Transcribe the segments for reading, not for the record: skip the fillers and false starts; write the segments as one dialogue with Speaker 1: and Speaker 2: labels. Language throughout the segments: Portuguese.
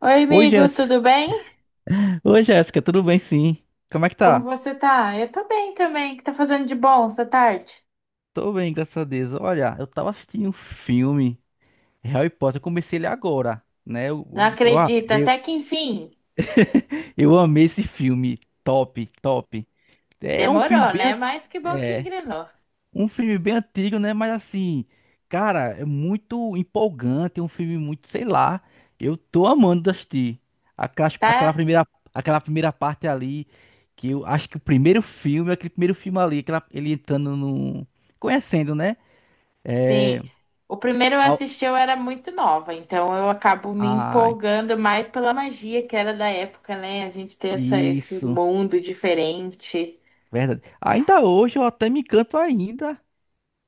Speaker 1: Oi,
Speaker 2: Oi,
Speaker 1: amigo,
Speaker 2: Jéssica.
Speaker 1: tudo bem?
Speaker 2: Oi, Jéssica, tudo bem sim? Como é que
Speaker 1: Como
Speaker 2: tá?
Speaker 1: você tá? Eu tô bem também. O que tá fazendo de bom essa tarde?
Speaker 2: Tô bem, graças a Deus. Olha, eu tava assistindo um filme, Harry Potter, eu comecei ele agora, né?
Speaker 1: Não
Speaker 2: Eu, eu,
Speaker 1: acredito,
Speaker 2: eu,
Speaker 1: até que enfim.
Speaker 2: eu amei esse filme, top, top. É um filme
Speaker 1: Demorou,
Speaker 2: bem,
Speaker 1: né? Mas que bom que
Speaker 2: é,
Speaker 1: engrenou,
Speaker 2: Um filme bem antigo, né? Mas assim, cara, é muito empolgante, é um filme muito, sei lá, eu tô amando assistir. Aquela, aquela
Speaker 1: tá?
Speaker 2: primeira, aquela primeira parte ali, que eu acho que o primeiro filme, aquele primeiro filme ali, ele entrando no... Conhecendo, né?
Speaker 1: Sim. O primeiro eu
Speaker 2: Ao-
Speaker 1: assisti, eu era muito nova, então eu acabo me
Speaker 2: Ah,
Speaker 1: empolgando mais pela magia que era da época, né? A gente ter esse
Speaker 2: isso,
Speaker 1: mundo diferente.
Speaker 2: verdade. Ainda hoje eu até me encanto ainda.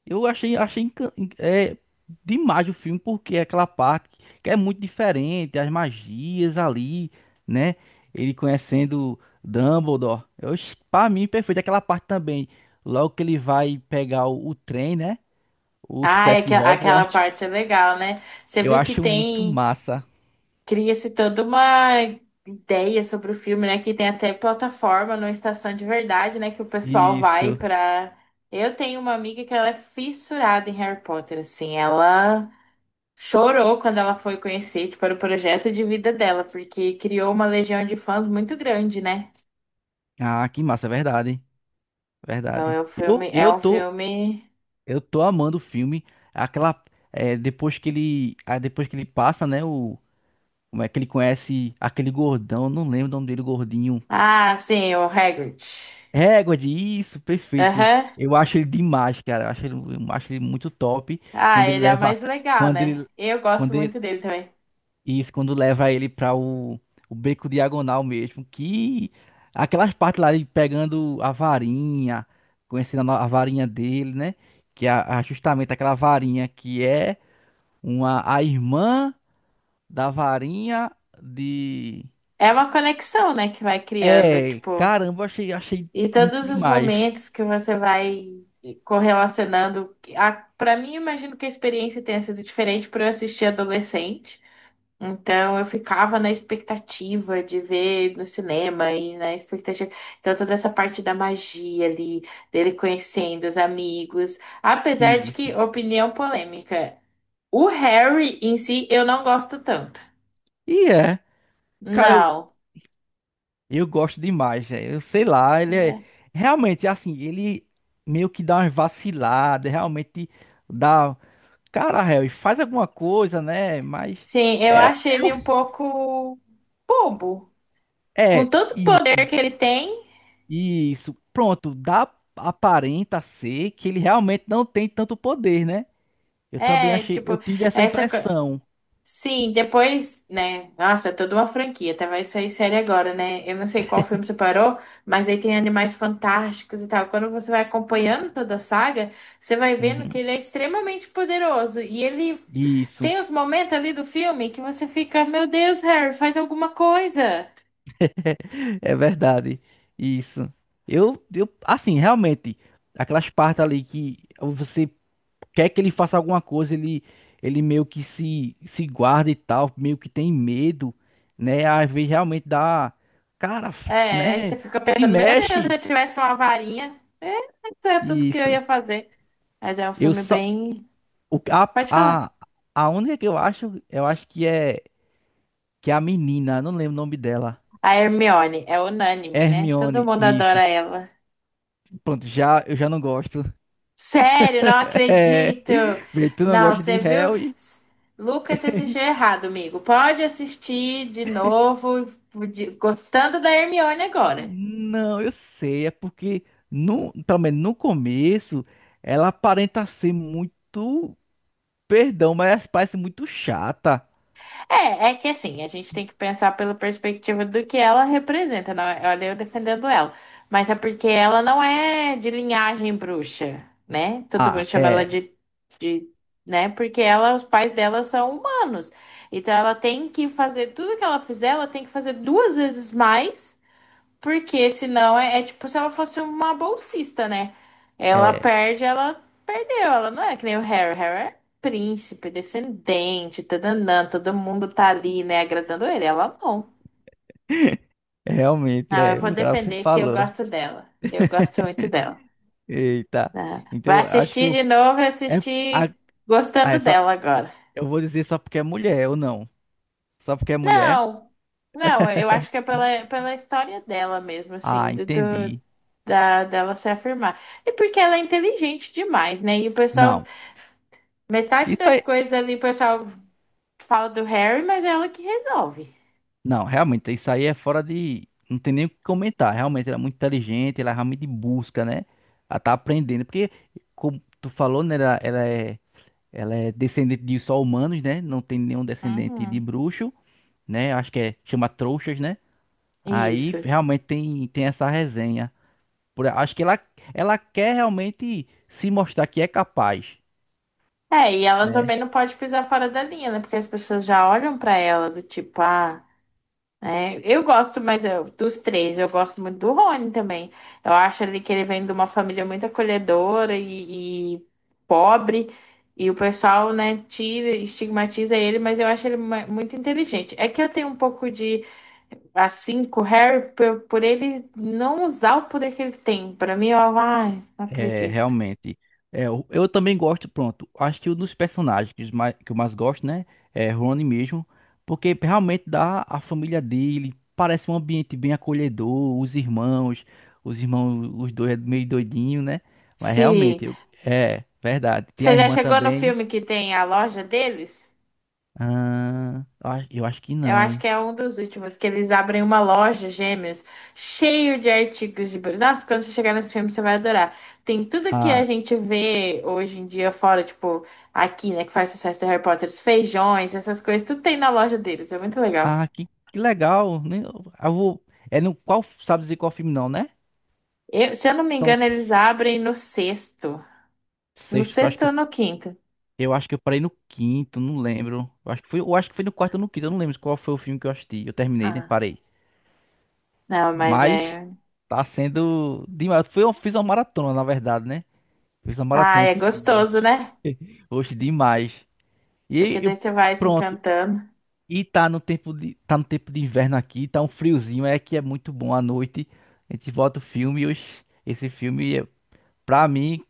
Speaker 2: Eu Achei demais o filme, porque é aquela parte que é muito diferente, as magias ali, né? Ele conhecendo Dumbledore. Pra mim, perfeito. Aquela parte também, logo que ele vai pegar o trem, né? O
Speaker 1: Ah,
Speaker 2: Expresso de
Speaker 1: aquela
Speaker 2: Hogwarts.
Speaker 1: parte é legal, né? Você
Speaker 2: Eu
Speaker 1: viu que
Speaker 2: acho muito
Speaker 1: tem.
Speaker 2: massa.
Speaker 1: Cria-se toda uma ideia sobre o filme, né? Que tem até plataforma numa estação de verdade, né? Que o pessoal vai
Speaker 2: Isso.
Speaker 1: pra. Eu tenho uma amiga que ela é fissurada em Harry Potter, assim. Ela chorou quando ela foi conhecer, tipo, era o projeto de vida dela, porque criou uma legião de fãs muito grande, né?
Speaker 2: Ah, que massa, verdade.
Speaker 1: Então
Speaker 2: Verdade.
Speaker 1: é um
Speaker 2: Eu,
Speaker 1: filme. É
Speaker 2: eu
Speaker 1: um
Speaker 2: tô,
Speaker 1: filme.
Speaker 2: eu tô amando o filme. Aquela, depois que ele passa, né? Como é que ele conhece aquele gordão? Eu não lembro o nome dele, gordinho.
Speaker 1: Ah, sim, o Hagrid.
Speaker 2: Égua de isso, perfeito.
Speaker 1: Aham.
Speaker 2: Eu acho ele demais, cara. Eu acho ele muito top.
Speaker 1: Ah,
Speaker 2: Quando ele
Speaker 1: ele é o
Speaker 2: leva.
Speaker 1: mais legal,
Speaker 2: Quando
Speaker 1: né?
Speaker 2: ele.
Speaker 1: Eu gosto
Speaker 2: Quando ele.
Speaker 1: muito dele também.
Speaker 2: Isso, quando leva ele pra o Beco Diagonal mesmo. Que. Aquelas partes lá de pegando a varinha. Conhecendo a, no- a varinha dele, né? Que é justamente aquela varinha que é a irmã da varinha de.
Speaker 1: É uma conexão, né, que vai criando,
Speaker 2: É,
Speaker 1: tipo.
Speaker 2: caramba, achei
Speaker 1: E
Speaker 2: muito
Speaker 1: todos os
Speaker 2: demais
Speaker 1: momentos que você vai correlacionando. A, pra mim, eu imagino que a experiência tenha sido diferente por eu assistir adolescente. Então, eu ficava na expectativa de ver no cinema e na expectativa. Então, toda essa parte da magia ali, dele conhecendo os amigos. Apesar de
Speaker 2: isso.
Speaker 1: que, opinião polêmica, o Harry em si eu não gosto tanto.
Speaker 2: E cara, eu,
Speaker 1: Não.
Speaker 2: eu gosto demais, velho. Eu sei lá, ele é
Speaker 1: É.
Speaker 2: realmente assim, ele meio que dá umas vaciladas, realmente dá, cara, Harry, faz alguma coisa, né? Mas
Speaker 1: Sim, eu
Speaker 2: é, é,
Speaker 1: acho ele um
Speaker 2: o-
Speaker 1: pouco bobo, com
Speaker 2: é
Speaker 1: tanto
Speaker 2: isso,
Speaker 1: poder que ele tem.
Speaker 2: isso. Pronto, dá aparenta ser que ele realmente não tem tanto poder, né? Eu também
Speaker 1: é,
Speaker 2: achei, eu
Speaker 1: tipo,
Speaker 2: tive essa
Speaker 1: essa. co-
Speaker 2: impressão.
Speaker 1: Sim, depois, né? Nossa, é toda uma franquia, até vai sair série agora, né? Eu não sei qual filme você parou, mas aí tem Animais Fantásticos e tal. Quando você vai acompanhando toda a saga, você vai vendo que
Speaker 2: Uhum,
Speaker 1: ele é extremamente poderoso. E ele
Speaker 2: isso.
Speaker 1: tem os momentos ali do filme que você fica, meu Deus, Harry, faz alguma coisa.
Speaker 2: É verdade. Isso. Assim, realmente, aquelas partes ali que você quer que ele faça alguma coisa, ele meio que se guarda e tal, meio que tem medo, né? Às vezes realmente dá, cara,
Speaker 1: É, aí
Speaker 2: né?
Speaker 1: você fica
Speaker 2: Se
Speaker 1: pensando, meu Deus, se
Speaker 2: mexe.
Speaker 1: eu tivesse uma varinha, é, isso é tudo que eu
Speaker 2: Isso.
Speaker 1: ia fazer. Mas é um
Speaker 2: Eu
Speaker 1: filme
Speaker 2: só,
Speaker 1: bem.
Speaker 2: o,
Speaker 1: Pode falar.
Speaker 2: a, a única que eu acho que é a menina, eu não lembro o nome dela.
Speaker 1: A Hermione é unânime, né? Todo
Speaker 2: Hermione,
Speaker 1: mundo
Speaker 2: isso.
Speaker 1: adora ela.
Speaker 2: Pronto, eu já não gosto.
Speaker 1: Sério, não
Speaker 2: É,
Speaker 1: acredito!
Speaker 2: vê, tu não
Speaker 1: Não,
Speaker 2: gosta de
Speaker 1: você viu?
Speaker 2: Harry?
Speaker 1: S- Lucas, você assistiu errado, amigo. Pode assistir de novo, gostando da Hermione agora.
Speaker 2: Não, eu sei, é porque pelo menos no começo ela aparenta ser muito, perdão, mas ela parece muito chata.
Speaker 1: É, é que assim, a gente tem que pensar pela perspectiva do que ela representa. Não, olha, eu defendendo ela. Mas é porque ela não é de linhagem bruxa, né? Todo
Speaker 2: Ah,
Speaker 1: mundo chama ela de, né? Porque ela, os pais dela são humanos. Então ela tem que fazer tudo que ela fizer, ela tem que fazer duas vezes mais, porque senão é, é tipo se ela fosse uma bolsista, né? Ela
Speaker 2: é,
Speaker 1: perde, ela perdeu. Ela não é que nem o Harry. Harry é príncipe, descendente, tadanã, todo mundo tá ali, né, agradando ele. Ela não.
Speaker 2: realmente
Speaker 1: Não, eu
Speaker 2: é,
Speaker 1: vou
Speaker 2: o cara você
Speaker 1: defender que eu
Speaker 2: falou.
Speaker 1: gosto dela. Eu gosto muito dela,
Speaker 2: Eita.
Speaker 1: né? Vai
Speaker 2: Então, acho que
Speaker 1: assistir
Speaker 2: eu
Speaker 1: de novo e
Speaker 2: é a,
Speaker 1: assistir
Speaker 2: ah,
Speaker 1: gostando
Speaker 2: é só
Speaker 1: dela agora.
Speaker 2: eu vou dizer só porque é mulher ou não? Só porque é mulher?
Speaker 1: Não, não, eu acho que é pela, pela história dela mesmo,
Speaker 2: Ah,
Speaker 1: assim,
Speaker 2: entendi.
Speaker 1: dela se afirmar. E porque ela é inteligente demais, né? E o pessoal,
Speaker 2: Não.
Speaker 1: metade
Speaker 2: Isso
Speaker 1: das
Speaker 2: aí.
Speaker 1: coisas ali, o pessoal fala do Harry, mas é ela que resolve.
Speaker 2: Não, realmente, isso aí é fora de. Não tem nem o que comentar. Realmente, ela é muito inteligente, ela realmente busca, né? Ela tá aprendendo. Porque, como tu falou, né? Ela é descendente de só humanos, né? Não tem nenhum descendente de
Speaker 1: Uhum,
Speaker 2: bruxo, né? Acho que é, chama trouxas, né? Aí
Speaker 1: isso.
Speaker 2: realmente tem essa resenha. Acho que ela quer realmente se mostrar que é capaz,
Speaker 1: É, e ela
Speaker 2: né?
Speaker 1: também não pode pisar fora da linha, né? Porque as pessoas já olham pra ela do tipo, ah. É, eu gosto, mas dos três, eu gosto muito do Rony também. Eu acho ali que ele vem de uma família muito acolhedora e pobre, e o pessoal, né, tira, estigmatiza ele, mas eu acho ele muito inteligente. É que eu tenho um pouco de, assim, com o Harry, por ele não usar o poder que ele tem. Pra mim, eu, ai, não
Speaker 2: É,
Speaker 1: acredito.
Speaker 2: realmente. É, eu também gosto, pronto. Acho que um dos personagens que eu mais gosto, né? É Rony mesmo. Porque realmente dá a família dele. Parece um ambiente bem acolhedor. Os irmãos. Os irmãos, os dois é meio doidinho, né? Mas
Speaker 1: Sim.
Speaker 2: realmente, é verdade. Tem
Speaker 1: Você
Speaker 2: a
Speaker 1: já
Speaker 2: irmã
Speaker 1: chegou no
Speaker 2: também.
Speaker 1: filme que tem a loja deles?
Speaker 2: Ah, eu acho que
Speaker 1: Eu acho
Speaker 2: não.
Speaker 1: que é um dos últimos, que eles abrem uma loja gêmeas, cheio de artigos de... Nossa, quando você chegar nesse filme, você vai adorar. Tem tudo que a
Speaker 2: Ah,
Speaker 1: gente vê hoje em dia fora, tipo, aqui, né, que faz sucesso do Harry Potter, os feijões, essas coisas, tudo tem na loja deles, é muito legal.
Speaker 2: ah, que legal, né? Eu vou, é no qual, sabe dizer qual filme não, né?
Speaker 1: Se eu não me
Speaker 2: Então,
Speaker 1: engano, eles abrem no sexto. No
Speaker 2: sexto, eu acho
Speaker 1: sexto
Speaker 2: que
Speaker 1: ou no quinto?
Speaker 2: Eu acho que eu parei no quinto, não lembro. Eu acho que foi no quarto ou no quinto, eu não lembro qual foi o filme que eu assisti. Eu terminei, né?
Speaker 1: Ah,
Speaker 2: Parei.
Speaker 1: não, mas
Speaker 2: Mas
Speaker 1: é...
Speaker 2: tá sendo demais. Eu fiz uma maratona, na verdade, né? Fiz uma
Speaker 1: Ah,
Speaker 2: maratona
Speaker 1: é
Speaker 2: esses
Speaker 1: gostoso,
Speaker 2: dias.
Speaker 1: né?
Speaker 2: Hoje demais. E
Speaker 1: Porque daí
Speaker 2: eu,
Speaker 1: você vai se
Speaker 2: pronto.
Speaker 1: encantando.
Speaker 2: E tá no tempo de inverno aqui, tá um friozinho, é que é muito bom à noite. A gente bota o filme e hoje, esse filme, pra mim,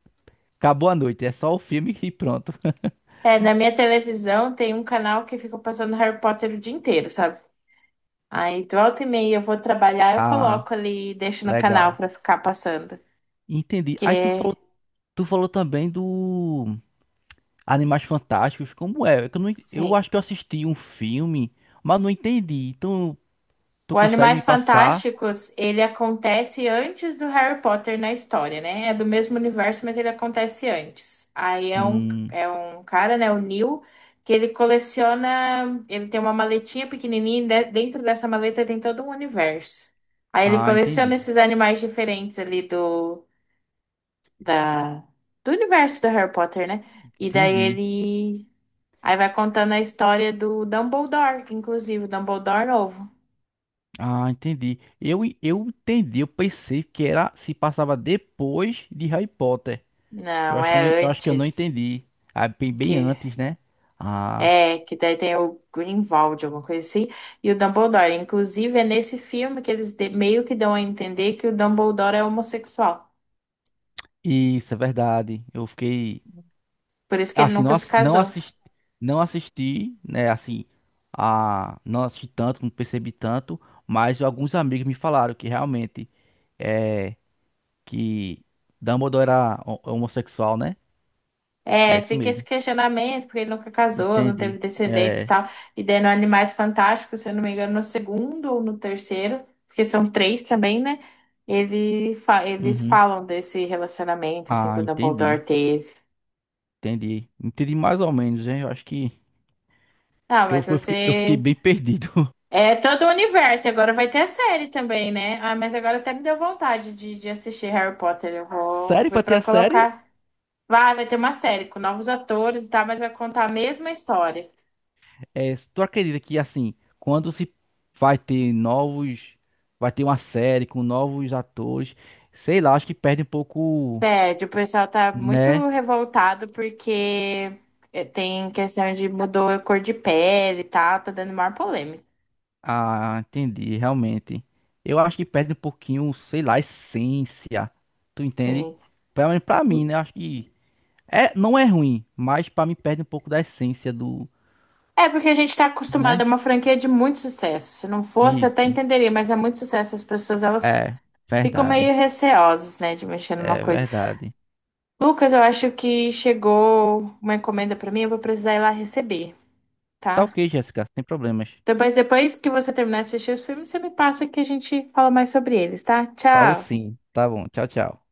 Speaker 2: acabou a noite. É só o filme e pronto.
Speaker 1: É, na minha televisão tem um canal que fica passando Harry Potter o dia inteiro, sabe? Aí, de volta e meia eu vou trabalhar, eu
Speaker 2: Ah,
Speaker 1: coloco ali e deixo no canal
Speaker 2: legal.
Speaker 1: pra ficar passando.
Speaker 2: Entendi.
Speaker 1: Que,
Speaker 2: Aí tu falou também do Animais Fantásticos. Como é? É que Eu, não en- eu
Speaker 1: sim.
Speaker 2: acho que eu assisti um filme, mas não entendi. Então, tu
Speaker 1: O
Speaker 2: consegue
Speaker 1: Animais
Speaker 2: me passar?
Speaker 1: Fantásticos, ele acontece antes do Harry Potter na história, né? É do mesmo universo, mas ele acontece antes. Aí é
Speaker 2: Hum,
Speaker 1: é um cara, né, o Neil, que ele coleciona, ele tem uma maletinha pequenininha, e dentro dessa maleta tem todo um universo. Aí ele
Speaker 2: ah,
Speaker 1: coleciona
Speaker 2: entendi.
Speaker 1: esses animais diferentes ali da, do universo do Harry Potter, né? E daí
Speaker 2: Entendi.
Speaker 1: ele. Aí vai contando a história do Dumbledore, inclusive, o Dumbledore novo.
Speaker 2: Ah, entendi. Eu entendi. Eu pensei que era se passava depois de Harry Potter. Eu
Speaker 1: Não,
Speaker 2: acho que eu não,
Speaker 1: é
Speaker 2: eu acho que eu não
Speaker 1: antes.
Speaker 2: entendi. Ah, bem, bem
Speaker 1: Que
Speaker 2: antes, né? Ah,
Speaker 1: que daí tem o Grindelwald, alguma coisa assim, e o Dumbledore. Inclusive, é nesse filme que eles meio que dão a entender que o Dumbledore é homossexual.
Speaker 2: isso é verdade. Eu fiquei.
Speaker 1: Por isso que ele
Speaker 2: Assim,
Speaker 1: nunca se
Speaker 2: não
Speaker 1: casou.
Speaker 2: assisti, né, assim, não assisti tanto, não percebi tanto, mas alguns amigos me falaram que realmente é que Dumbledore era homossexual, né? É
Speaker 1: É,
Speaker 2: isso
Speaker 1: fica esse
Speaker 2: mesmo.
Speaker 1: questionamento, porque ele nunca casou, não teve
Speaker 2: Entendi.
Speaker 1: descendentes e
Speaker 2: É,
Speaker 1: tal. E daí no Animais Fantásticos, se eu não me engano, no segundo ou no terceiro, porque são três também, né? Eles
Speaker 2: uhum.
Speaker 1: falam desse relacionamento, assim,
Speaker 2: Ah,
Speaker 1: que o
Speaker 2: entendi.
Speaker 1: Dumbledore teve.
Speaker 2: Entendi. Entendi mais ou menos, hein? Eu acho que
Speaker 1: Ah,
Speaker 2: porque eu,
Speaker 1: mas
Speaker 2: eu fiquei, eu fiquei
Speaker 1: você.
Speaker 2: bem perdido.
Speaker 1: É todo o universo, e agora vai ter a série também, né? Ah, mas agora até me deu vontade de assistir Harry Potter. Eu vou
Speaker 2: Sério,
Speaker 1: ver
Speaker 2: pra ter
Speaker 1: pra
Speaker 2: a série?
Speaker 1: colocar. Vai ter uma série com novos atores e tal, mas vai contar a mesma história.
Speaker 2: É, tu acredita que assim, quando se vai ter novos, vai ter uma série com novos atores, sei lá, acho que perde um pouco,
Speaker 1: Pede, o pessoal tá muito
Speaker 2: né?
Speaker 1: revoltado porque é, tem questão de mudou a cor de pele e tal, tá dando maior polêmica.
Speaker 2: Ah, entendi, realmente. Eu acho que perde um pouquinho, sei lá, a essência. Tu entende?
Speaker 1: Sim.
Speaker 2: Pelo menos pra mim, né? Acho que não é ruim, mas pra mim perde um pouco da essência do,
Speaker 1: É porque a gente tá acostumado
Speaker 2: né?
Speaker 1: a uma franquia de muito sucesso. Se não fosse, eu até
Speaker 2: Isso.
Speaker 1: entenderia, mas é muito sucesso. As pessoas, elas
Speaker 2: É,
Speaker 1: ficam
Speaker 2: verdade.
Speaker 1: meio receosas, né, de mexer numa
Speaker 2: É
Speaker 1: coisa.
Speaker 2: verdade.
Speaker 1: Lucas, eu acho que chegou uma encomenda pra mim, eu vou precisar ir lá receber,
Speaker 2: Tá
Speaker 1: tá?
Speaker 2: ok, Jéssica, sem problemas.
Speaker 1: Depois que você terminar de assistir os filmes, você me passa que a gente fala mais sobre eles, tá?
Speaker 2: Falo
Speaker 1: Tchau!
Speaker 2: sim. Tá bom. Tchau, tchau.